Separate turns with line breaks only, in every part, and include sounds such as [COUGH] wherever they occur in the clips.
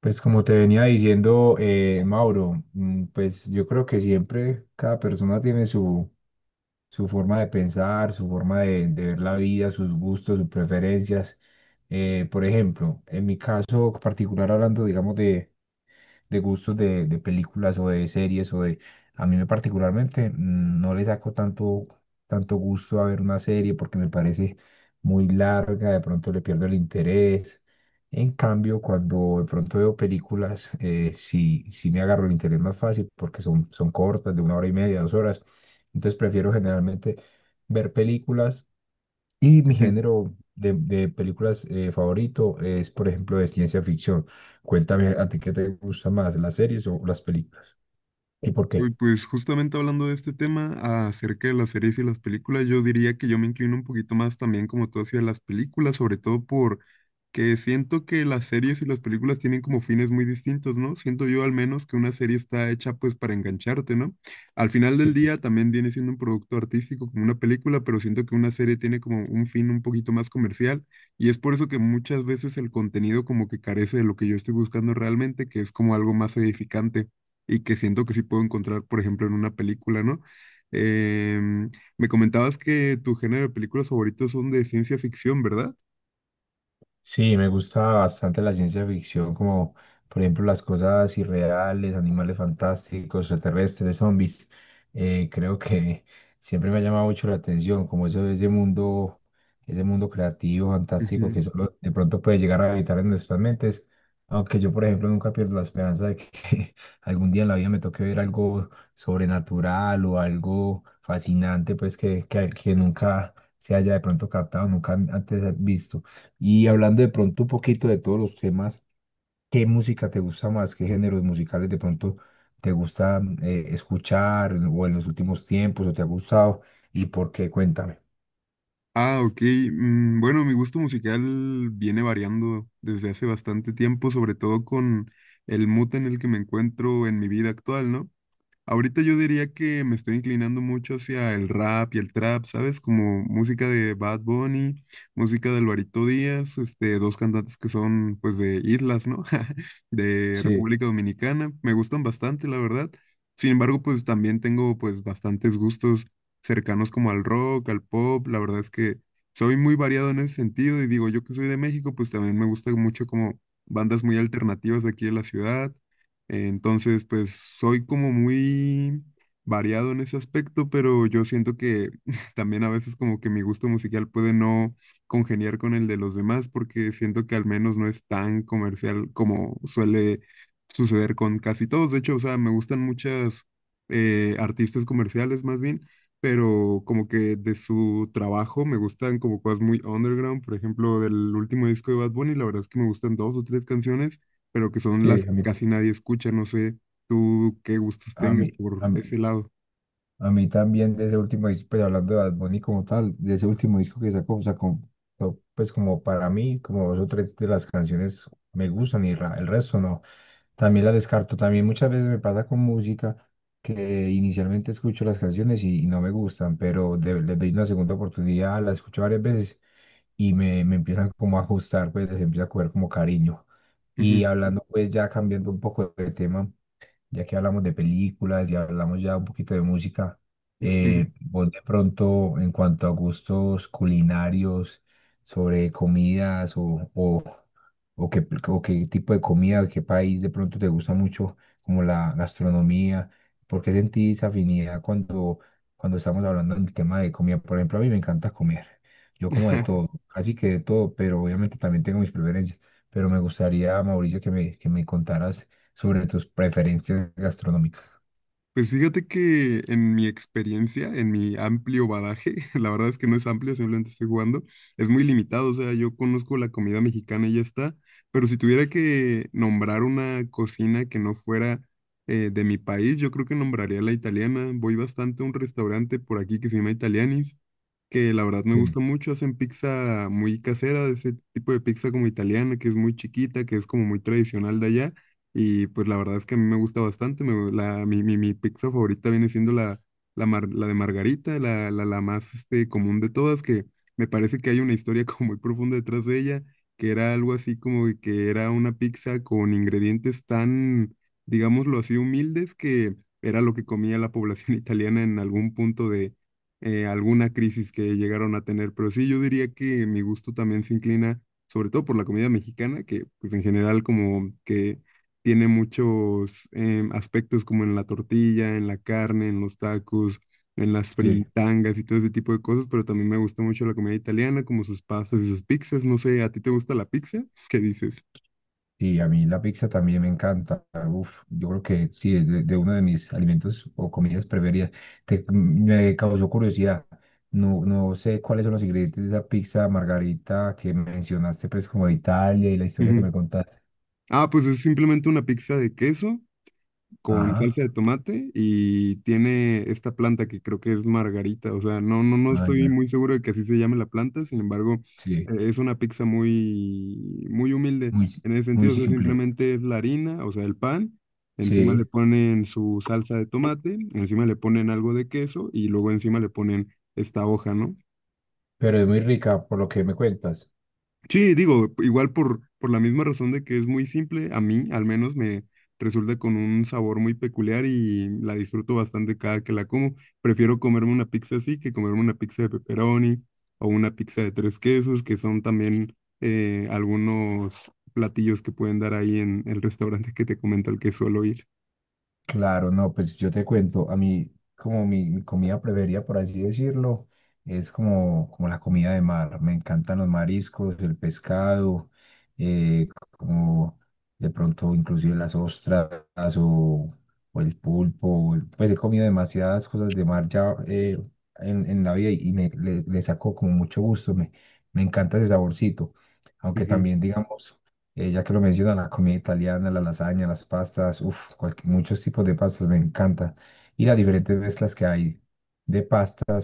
Pues como te venía diciendo, Mauro, pues yo creo que siempre cada persona tiene su forma de pensar, su forma de ver la vida, sus gustos, sus preferencias. Por ejemplo, en mi caso particular, hablando, digamos, de gustos de películas o de series o de... A mí me particularmente no le saco tanto gusto a ver una serie porque me parece muy larga, de pronto le pierdo el interés. En cambio, cuando de pronto veo películas, sí me agarro el interés más fácil porque son cortas, de una hora y media, dos horas. Entonces prefiero generalmente ver películas y mi
Ujú.
género de películas favorito es, por ejemplo, de ciencia ficción. Cuéntame a ti qué te gusta más, ¿las series o las películas? ¿Y por
Uy,
qué?
pues justamente hablando de este tema acerca de las series y las películas, yo diría que yo me inclino un poquito más también como tú hacia las películas, sobre todo por que siento que las series y las películas tienen como fines muy distintos, ¿no? Siento yo al menos que una serie está hecha pues para engancharte, ¿no? Al final del día también viene siendo un producto artístico como una película, pero siento que una serie tiene como un fin un poquito más comercial y es por eso que muchas veces el contenido como que carece de lo que yo estoy buscando realmente, que es como algo más edificante, y que siento que sí puedo encontrar, por ejemplo, en una película, ¿no? Em, Me comentabas que tu género de películas favoritos son de ciencia ficción, ¿verdad?
Sí, me gusta bastante la ciencia ficción, como por ejemplo las cosas irreales, animales fantásticos, extraterrestres, zombies. Creo que [LAUGHS] siempre me ha llamado mucho la atención, como eso, ese mundo creativo, fantástico,
Ujú.
que solo de pronto puede llegar a habitar en nuestras mentes. Aunque yo, por ejemplo, nunca pierdo la esperanza de que [LAUGHS] algún día en la vida me toque ver algo sobrenatural o algo fascinante, pues que nunca se haya de pronto captado, nunca antes visto. Y hablando de pronto un poquito de todos los temas, ¿qué música te gusta más? ¿Qué géneros musicales de pronto te gusta escuchar, o en los últimos tiempos o te ha gustado? ¿Y por qué? Cuéntame.
Ah, ok. Bueno, mi gusto musical viene variando desde hace bastante tiempo, sobre todo con el mood en el que me encuentro en mi vida actual, ¿no? Ahorita yo diría que me estoy inclinando mucho hacia el rap y el trap, ¿sabes? Como música de Bad Bunny, música de Alvarito Díaz, este, dos cantantes que son pues de islas, ¿no? [LAUGHS] De
Sí,
República Dominicana. Me gustan bastante, la verdad. Sin embargo, pues también tengo pues bastantes gustos cercanos como al rock, al pop. La verdad es que soy muy variado en ese sentido y digo, yo que soy de México, pues también me gusta mucho como bandas muy alternativas de aquí de la ciudad. Entonces, pues soy como muy variado en ese aspecto, pero yo siento que [LAUGHS] también a veces como que mi gusto musical puede no congeniar con el de los demás porque siento que al menos no es tan comercial como suele suceder con casi todos. De hecho, o sea, me gustan muchas artistas comerciales más bien, pero como que de su trabajo me gustan como cosas muy underground. Por ejemplo, del último disco de Bad Bunny, la verdad es que me gustan dos o tres canciones pero que son
sí,
las
a
que
mí.
casi nadie escucha. No sé tú qué gustos
A mí,
tengas
a
por
mí.
ese lado.
A mí también de ese último disco, pues hablando de Bad Bunny como tal, de ese último disco que sacó, no, pues como para mí, como dos o tres de las canciones me gustan y ra- el resto no. También la descarto. También muchas veces me pasa con música que inicialmente escucho las canciones y no me gustan, pero de- les doy una segunda oportunidad, las escucho varias veces y me empiezan como a ajustar, pues les empieza a coger como cariño. Y
Ujú,
hablando pues ya cambiando un poco de tema, ya que hablamos de películas y hablamos ya un poquito de música,
ujú.
vos de pronto en cuanto a gustos culinarios, sobre comidas o qué tipo de comida, qué país de pronto te gusta mucho, como la gastronomía, ¿por qué sentís afinidad cuando estamos hablando del tema de comida? Por ejemplo, a mí me encanta comer, yo como de todo,
[LAUGHS]
casi que de todo, pero obviamente también tengo mis preferencias. Pero me gustaría, Mauricio, que me contaras sobre tus preferencias gastronómicas.
Pues fíjate que en mi experiencia, en mi amplio badaje, [LAUGHS] la verdad es que no es amplio, simplemente estoy jugando, es muy limitado, o sea, yo conozco la comida mexicana y ya está, pero si tuviera que nombrar una cocina que no fuera de mi país, yo creo que nombraría la italiana. Voy bastante a un restaurante por aquí que se llama Italianis que la verdad me
Sí,
gusta mucho. Hacen pizza muy casera, de ese tipo de pizza como italiana, que es muy chiquita, que es como muy tradicional de allá. Y pues la verdad es que a mí me gusta bastante. Me, la, mi pizza favorita viene siendo la de margarita, la más este, común de todas, que me parece que hay una historia [LAUGHS] como muy profunda detrás de ella, que era algo así como de que era una pizza con ingredientes tan, digámoslo así, humildes que… Era lo que comía la población [LAUGHS] italiana en algún punto alguna crisis que llegaron a tener, pero sí, yo diría que mi gusto también se inclina, sobre todo por la comida mexicana, que pues en general como que tiene muchos aspectos como en la tortilla, en la carne, en los tacos, en las
sí.
fritangas y todo ese tipo de cosas, pero también me gusta mucho la comida italiana, como sus pastas y sus pizzas, no sé, ¿a ti te gusta la pizza? [LAUGHS] ¿Qué dices?
Sí, a mí la pizza también me encanta. Uf, yo creo que sí, es de uno de mis alimentos o comidas preferidas. Te- me causó curiosidad. No, no sé cuáles son los ingredientes de esa pizza margarita que mencionaste, pues como de Italia y la historia que
Ujú.
me contaste.
Ah, pues es simplemente una pizza de queso con
Ajá,
salsa de tomate y tiene esta planta que creo que es margarita, o sea, no
ah,
estoy
ya.
muy seguro de que así se llame la planta, sin embargo,
Sí,
es una pizza muy, muy humilde
muy,
en ese
muy
sentido, o sea,
simple.
simplemente es la harina, o sea, el pan, encima le
Sí,
ponen su salsa de tomate, encima le ponen algo de queso y luego encima le ponen esta hoja, ¿no?
pero es muy rica por lo que me cuentas.
Sí, digo, igual por la misma razón de que es muy simple, a mí al menos me resulta con un sabor muy peculiar y la disfruto bastante cada que la como. Prefiero comerme una pizza así que comerme una pizza de pepperoni o una pizza de tres quesos, que son también algunos platillos que pueden dar ahí en el restaurante que te comento al que suelo ir.
Claro, no, pues yo te cuento, a mí como mi comida preferida, por así decirlo, es como, como la comida de mar. Me encantan los mariscos, el pescado, eh, como de pronto inclusive las ostras o, o el pulpo. Pues he comido demasiadas cosas de mar ya, en la vida, y me, le saco como mucho gusto, me encanta ese saborcito. Aunque
Ujú.
también, digamos, ya que lo menciona, la comida italiana, la lasaña, las pastas, uff, muchos tipos de pastas me encanta. Y las diferentes mezclas que hay de pasta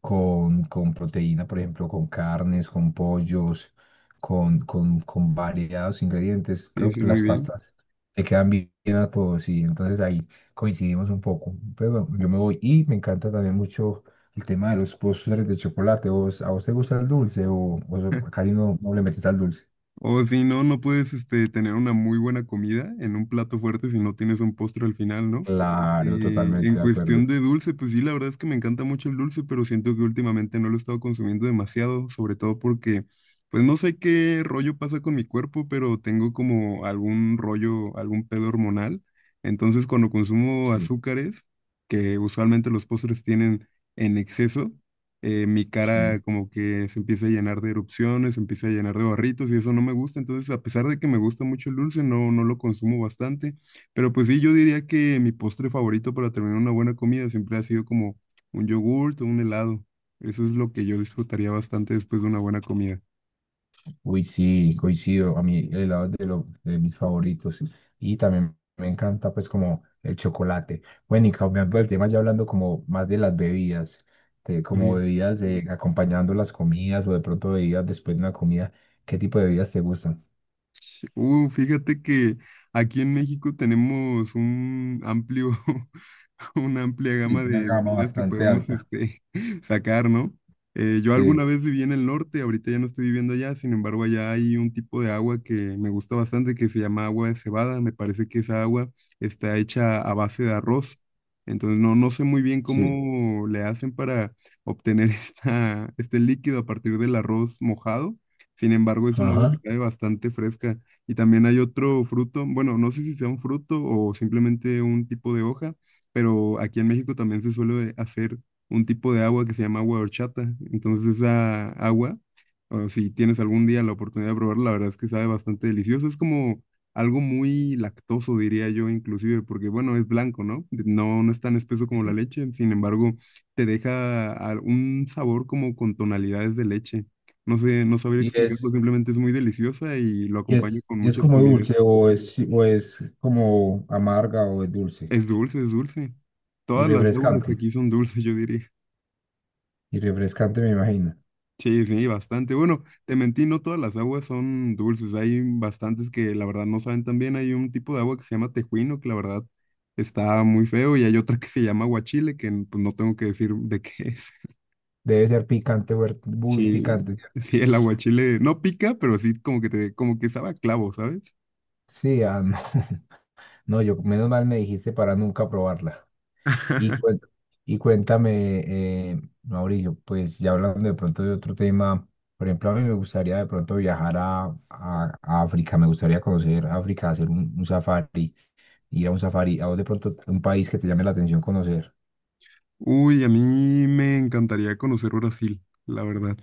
con proteína, por ejemplo, con carnes, con pollos, con variados ingredientes.
Sí,
Creo
sí,
que
muy
las
bien.
pastas le quedan bien a todos y entonces ahí coincidimos un poco. Pero bueno, yo me voy y me encanta también mucho el tema de los postres de chocolate. ¿Vos, a vos te gusta el dulce o so, casi no, no le metes al dulce?
O si no, no puedes este, tener una muy buena comida en un plato fuerte si no tienes un postre al final, ¿no?
Claro,
En
totalmente de acuerdo.
cuestión de dulce, pues sí, la verdad es que me encanta mucho el dulce, pero siento que últimamente no lo he estado consumiendo demasiado, sobre todo porque, pues no sé qué rollo pasa con mi cuerpo, pero tengo como algún rollo, algún pedo hormonal. Entonces, cuando consumo
Sí,
azúcares, que usualmente los postres tienen en exceso, mi
sí.
cara como que se empieza a llenar de erupciones, se empieza a llenar de barritos y eso no me gusta. Entonces, a pesar de que me gusta mucho el dulce, no, no lo consumo bastante. Pero pues sí, yo diría que mi postre favorito para terminar una buena comida siempre ha sido como un yogurt o un helado. Eso es lo que yo disfrutaría bastante después de una buena comida.
Uy, sí, coincido. A mí el helado es de, lo- de mis favoritos. Y también me encanta, pues, como el chocolate. Bueno, y cambiando el tema, ya hablando como más de las bebidas, de como bebidas acompañando las comidas o de pronto bebidas después de una comida, ¿qué tipo de bebidas te gustan?
Fíjate que aquí en México tenemos un amplio, [LAUGHS] una amplia
Sí,
gama
una
de
gama
bebidas que
bastante
podemos
alta.
este, [LAUGHS] sacar, ¿no? Yo alguna
Sí,
vez viví en el norte, ahorita ya no estoy viviendo allá, sin embargo, allá hay un tipo de agua que me gusta bastante que se llama agua de cebada. Me parece que esa agua está hecha a base de arroz. Entonces, no sé muy bien
sí.
cómo le hacen para obtener [LAUGHS] este líquido a partir del arroz mojado. Sin embargo, es un agua que
Ajá.
sabe bastante fresca. Y también hay otro fruto, bueno, no sé si sea un fruto o simplemente un tipo de hoja, pero aquí en México también se suele hacer un tipo de agua que se llama agua de horchata. Entonces esa agua, o si tienes algún día la oportunidad de probarla, la verdad es que sabe bastante delicioso. Es como algo muy lactoso, diría yo, inclusive, porque bueno, es blanco, ¿no? No, no es tan espeso como la
Sí.
leche, sin embargo, te deja a- un sabor como con tonalidades de leche. No sé, no sabría
Y
explicarlo,
es,
simplemente es muy deliciosa y lo acompaño con
¿Y es
muchas
como
comidas.
dulce o es como amarga o es dulce?
Es dulce, es dulce.
Y
Todas las aguas
refrescante,
aquí son dulces, yo diría.
y refrescante me imagino.
Sí, sí, bastante. Bueno, te mentí, no todas las aguas son dulces. Hay bastantes que la verdad no saben tan bien. Hay un tipo de agua que se llama tejuino, que la verdad está muy feo, y hay otra que se llama aguachile, pues, no tengo que decir de qué es. [LAUGHS]
Debe ser picante, huer- muy
Sí,
picante, ¿cierto?
sí, el aguachile no pica, pero sí como que te, como que sabe a clavo, ¿sabes?
Sí, ah, no. [LAUGHS] No, yo, menos mal me dijiste para nunca probarla.
[LAUGHS]
Y, cuen- y cuéntame, Mauricio, pues ya hablando de pronto de otro tema, por ejemplo, a mí me gustaría de pronto viajar a África, me gustaría conocer África, hacer un safari, ir a un safari. A vos de pronto, ¿un país que te llame la atención conocer?
Uy, a mí me encantaría conocer Brasil, la verdad.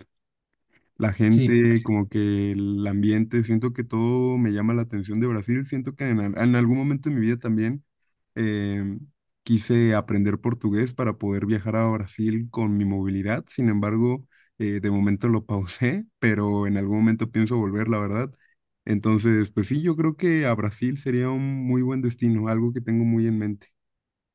La
Sí,
gente, como que el ambiente, siento que todo me llama la atención de Brasil. Siento que en algún momento de mi vida también eh, quise aprender portugués para poder viajar a Brasil con mi movilidad. Sin embargo, de momento lo pausé, pero en algún momento pienso volver, la verdad. Entonces, pues sí, yo creo que a Brasil sería un muy buen destino, algo que tengo muy en mente.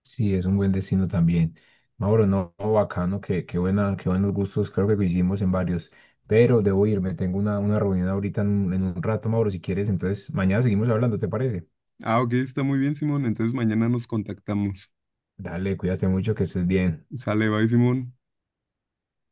sí, es un buen destino también. Mauro, no, no, bacano, qué buenos gustos, creo que coincidimos en varios, pero debo irme, tengo una reunión ahorita en un rato, Mauro, si quieres, entonces mañana seguimos hablando, ¿te parece?
Ah, ok, está muy bien, Simón. Entonces mañana nos contactamos.
Dale, cuídate mucho, que estés bien.
Sale, bye, Simón.